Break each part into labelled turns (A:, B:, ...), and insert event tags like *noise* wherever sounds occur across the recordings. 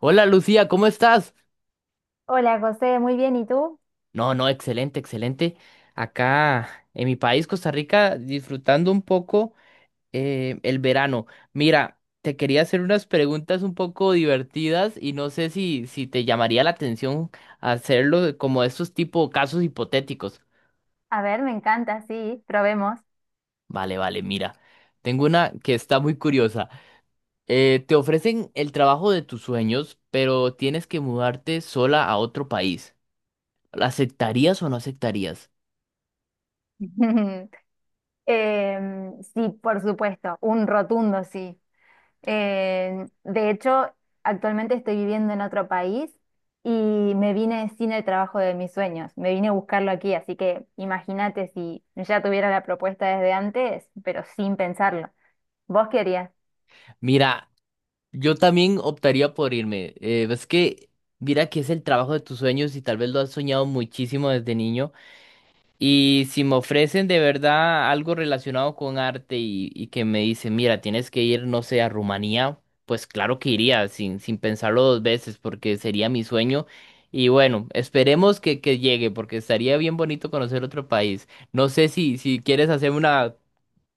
A: Hola Lucía, ¿cómo estás?
B: Hola José, muy bien, ¿y tú?
A: No, no, excelente, excelente. Acá en mi país, Costa Rica, disfrutando un poco el verano. Mira, te quería hacer unas preguntas un poco divertidas y no sé si te llamaría la atención hacerlo como estos tipo casos hipotéticos.
B: A ver, me encanta, sí, probemos.
A: Vale, vale, mira. Tengo una que está muy curiosa. Te ofrecen el trabajo de tus sueños, pero tienes que mudarte sola a otro país. ¿La aceptarías o no aceptarías?
B: *laughs* Sí, por supuesto, un rotundo sí. De hecho, actualmente estoy viviendo en otro país y me vine sin el trabajo de mis sueños, me vine a buscarlo aquí, así que imagínate si ya tuviera la propuesta desde antes, pero sin pensarlo. ¿Vos querías?
A: Mira. Yo también optaría por irme. Es que, mira que es el trabajo de tus sueños y tal vez lo has soñado muchísimo desde niño. Y si me ofrecen de verdad algo relacionado con arte y que me dicen, mira, tienes que ir, no sé, a Rumanía, pues claro que iría sin pensarlo dos veces porque sería mi sueño. Y bueno, esperemos que llegue porque estaría bien bonito conocer otro país. No sé si quieres hacer una,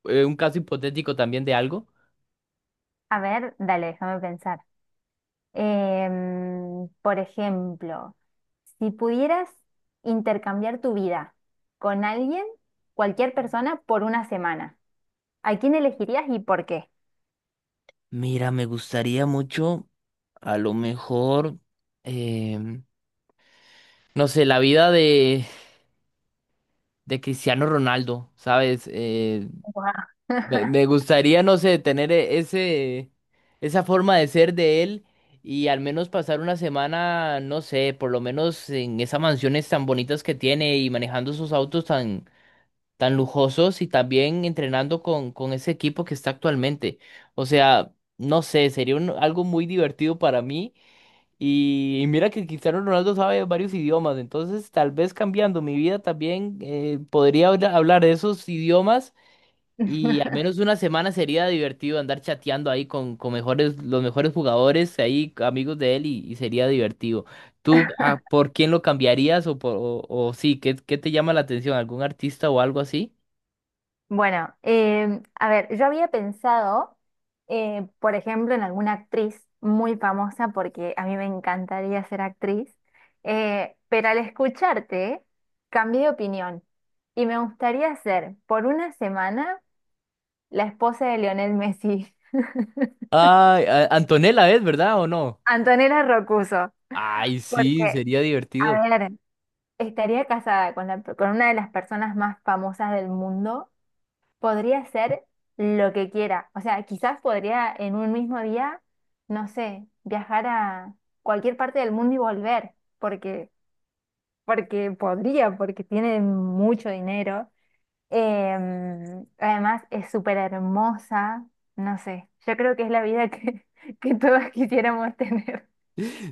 A: un caso hipotético también de algo.
B: A ver, dale, déjame pensar. Por ejemplo, si pudieras intercambiar tu vida con alguien, cualquier persona, por una semana, ¿a quién elegirías y por qué?
A: Mira, me gustaría mucho, a lo mejor, em, no sé, la vida de Cristiano Ronaldo, ¿sabes? Eh,
B: Guau.
A: me, me gustaría, no sé, tener esa forma de ser de él y al menos pasar una semana, no sé, por lo menos en esas mansiones tan bonitas que tiene y manejando sus autos tan, tan lujosos y también entrenando con ese equipo que está actualmente. O sea, no sé, sería algo muy divertido para mí. Y mira que Cristiano Ronaldo sabe varios idiomas, entonces tal vez cambiando mi vida también podría hablar esos idiomas y al
B: *laughs*
A: menos una semana sería divertido andar chateando ahí con los mejores jugadores, ahí amigos de él y sería divertido. ¿Tú por quién lo cambiarías o sí, qué te llama la atención? ¿Algún artista o algo así?
B: Bueno, a ver, yo había pensado, por ejemplo, en alguna actriz muy famosa, porque a mí me encantaría ser actriz, pero al escucharte, cambié de opinión y me gustaría ser por una semana la esposa de Lionel Messi. *laughs*
A: Ay, Antonella es, ¿verdad o no?
B: Antonella Rocuso,
A: Ay, sí,
B: porque,
A: sería
B: a
A: divertido.
B: ver, estaría casada con con una de las personas más famosas del mundo, podría hacer lo que quiera. O sea, quizás podría en un mismo día, no sé, viajar a cualquier parte del mundo y volver, porque, porque tiene mucho dinero. Además es súper hermosa, no sé, yo creo que es la vida que, *laughs* que todos quisiéramos tener.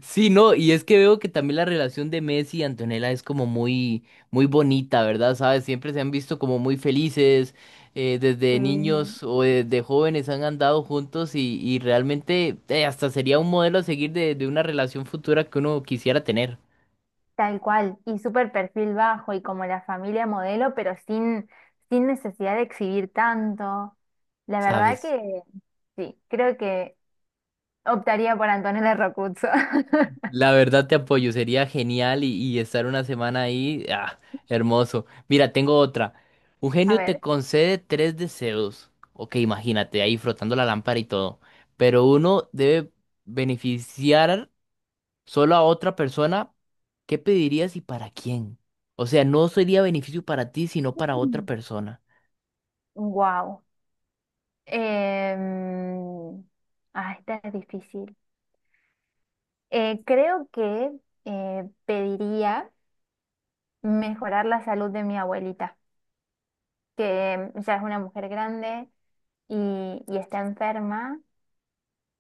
A: Sí, no, y es que veo que también la relación de Messi y Antonella es como muy, muy bonita, ¿verdad? ¿Sabes? Siempre se han visto como muy felices,
B: Sí,
A: desde niños o desde jóvenes han andado juntos y realmente hasta sería un modelo a seguir de una relación futura que uno quisiera tener,
B: tal cual, y súper perfil bajo y como la familia modelo, pero sin necesidad de exhibir tanto. La verdad
A: ¿sabes?
B: que sí, creo que optaría por Antonella Rocuzzo. *laughs*
A: La verdad te apoyo, sería genial y estar una semana ahí, ah, hermoso. Mira, tengo otra. Un
B: A
A: genio te
B: ver,
A: concede tres deseos. Ok, imagínate, ahí frotando la lámpara y todo. Pero uno debe beneficiar solo a otra persona. ¿Qué pedirías y para quién? O sea, no sería beneficio para ti, sino para otra persona.
B: wow. Ah, esta es difícil. Creo que pediría mejorar la salud de mi abuelita, que ya es una mujer grande y está enferma.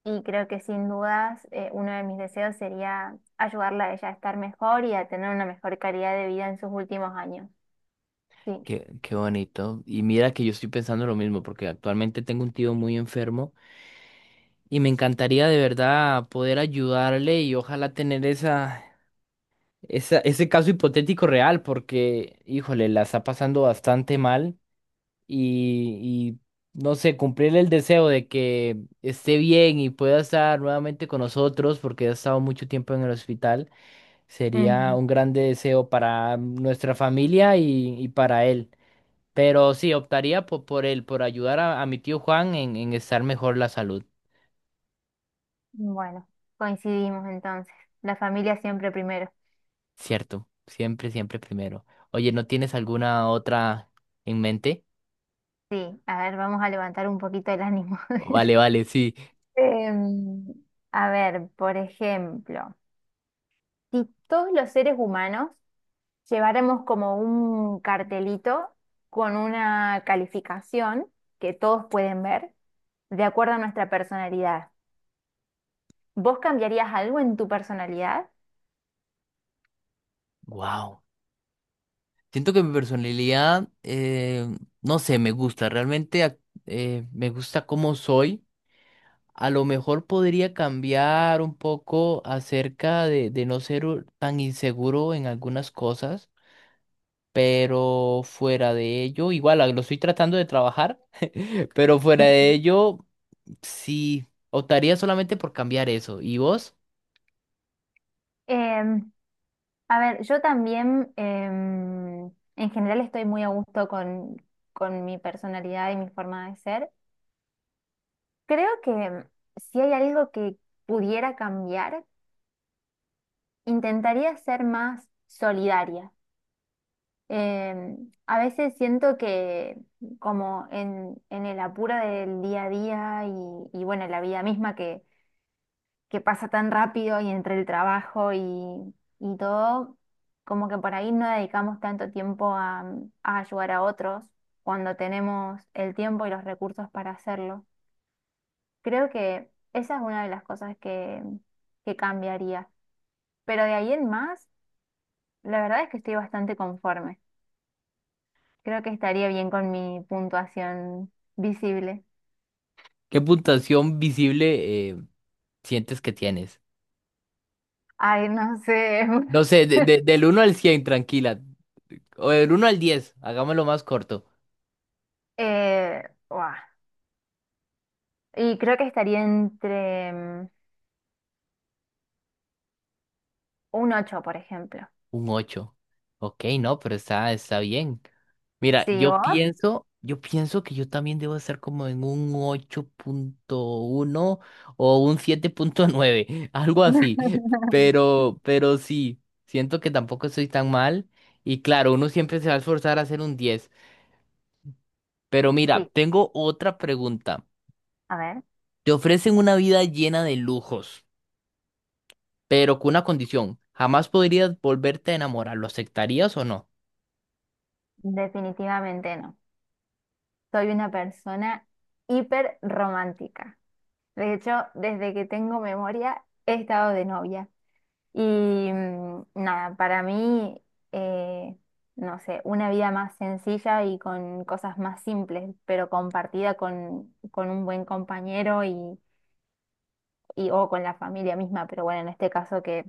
B: Y creo que sin dudas, uno de mis deseos sería ayudarla a ella a estar mejor y a tener una mejor calidad de vida en sus últimos años. Sí.
A: Qué bonito. Y mira que yo estoy pensando lo mismo, porque actualmente tengo un tío muy enfermo. Y me encantaría de verdad poder ayudarle y ojalá tener ese caso hipotético real, porque, híjole, la está pasando bastante mal y, y, no sé, cumplirle el deseo de que esté bien y pueda estar nuevamente con nosotros, porque ha estado mucho tiempo en el hospital, sería
B: Mm.
A: un grande deseo para nuestra familia y para él. Pero sí, optaría por, él, por ayudar a mi tío Juan en estar mejor la salud.
B: Bueno, coincidimos entonces. La familia siempre primero.
A: Cierto, siempre, siempre primero. Oye, ¿no tienes alguna otra en mente?
B: Sí, a ver, vamos a levantar un poquito el ánimo. *laughs*
A: Vale, vale, sí.
B: Em, a ver, por ejemplo, si todos los seres humanos llevaremos como un cartelito con una calificación que todos pueden ver de acuerdo a nuestra personalidad, ¿vos cambiarías algo en tu personalidad?
A: Wow. Siento que mi personalidad, no sé, me gusta. Realmente me gusta cómo soy. A lo mejor podría cambiar un poco acerca de no ser tan inseguro en algunas cosas, pero fuera de ello, igual lo estoy tratando de trabajar, *laughs* pero fuera de ello. Sí, optaría solamente por cambiar eso. ¿Y vos?
B: Em, a ver, yo también, en general estoy muy a gusto con mi personalidad y mi forma de ser. Creo que si hay algo que pudiera cambiar, intentaría ser más solidaria. A veces siento que como en el apuro del día a día y bueno, la vida misma que pasa tan rápido y entre el trabajo y todo, como que por ahí no dedicamos tanto tiempo a ayudar a otros cuando tenemos el tiempo y los recursos para hacerlo. Creo que esa es una de las cosas que cambiaría. Pero de ahí en más, la verdad es que estoy bastante conforme. Creo que estaría bien con mi puntuación visible.
A: ¿Qué puntuación visible sientes que tienes?
B: Ay, no sé.
A: No sé,
B: *laughs*
A: del uno al 100, tranquila. O del uno al 10, hagámoslo más corto.
B: Eh, buah. Y creo que estaría entre mm, un 8 por ejemplo.
A: Un 8, Ok, no, pero está bien. Mira,
B: ¿Sí,
A: yo
B: vos?
A: pienso, yo pienso que yo también debo estar como en un 8.1 o un 7.9, *laughs* algo así.
B: *laughs*
A: Pero sí, siento que tampoco estoy tan mal. Y claro, uno siempre se va a esforzar a hacer un 10. Pero mira,
B: Sí,
A: tengo otra pregunta.
B: a ver,
A: Te ofrecen una vida llena de lujos, pero con una condición. Jamás podrías volverte a enamorar. ¿Lo aceptarías o no?
B: definitivamente no. Soy una persona hiper romántica. De hecho, desde que tengo memoria, he estado de novia. Y mm, nada, para mí, eh, no sé, una vida más sencilla y con cosas más simples, pero compartida con un buen compañero y o con la familia misma. Pero bueno, en este caso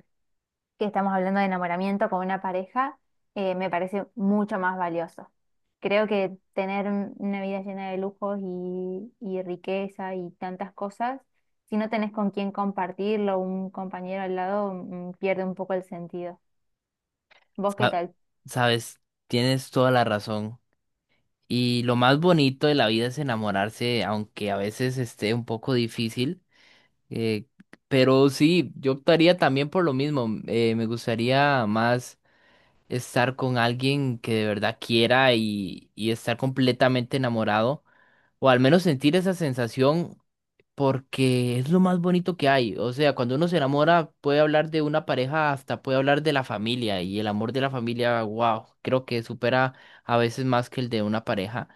B: que estamos hablando de enamoramiento con una pareja, me parece mucho más valioso. Creo que tener una vida llena de lujos y riqueza y tantas cosas, si no tenés con quién compartirlo, un compañero al lado, mm, pierde un poco el sentido. ¿Vos qué
A: Ah,
B: tal?
A: sabes, tienes toda la razón. Y lo más bonito de la vida es enamorarse, aunque a veces esté un poco difícil. eh, pero sí, yo optaría también por lo mismo. Me gustaría más estar con alguien que de verdad quiera y estar completamente enamorado, o al menos sentir esa sensación porque es lo más bonito que hay. O sea, cuando uno se enamora, puede hablar de una pareja, hasta puede hablar de la familia, y el amor de la familia, wow, creo que supera a veces más que el de una pareja.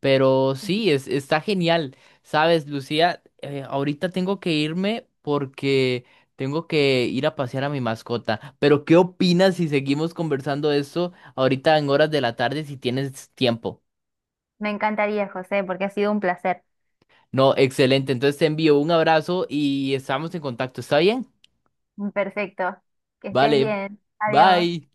A: Pero sí, es, está genial. Sabes, Lucía, ahorita tengo que irme porque tengo que ir a pasear a mi mascota. Pero, ¿qué opinas si seguimos conversando de esto ahorita en horas de la tarde si tienes tiempo?
B: Me encantaría, José, porque ha sido un placer.
A: No, excelente. Entonces te envío un abrazo y estamos en contacto. ¿Está bien?
B: Perfecto. Que estés
A: Vale,
B: bien. Adiós.
A: bye.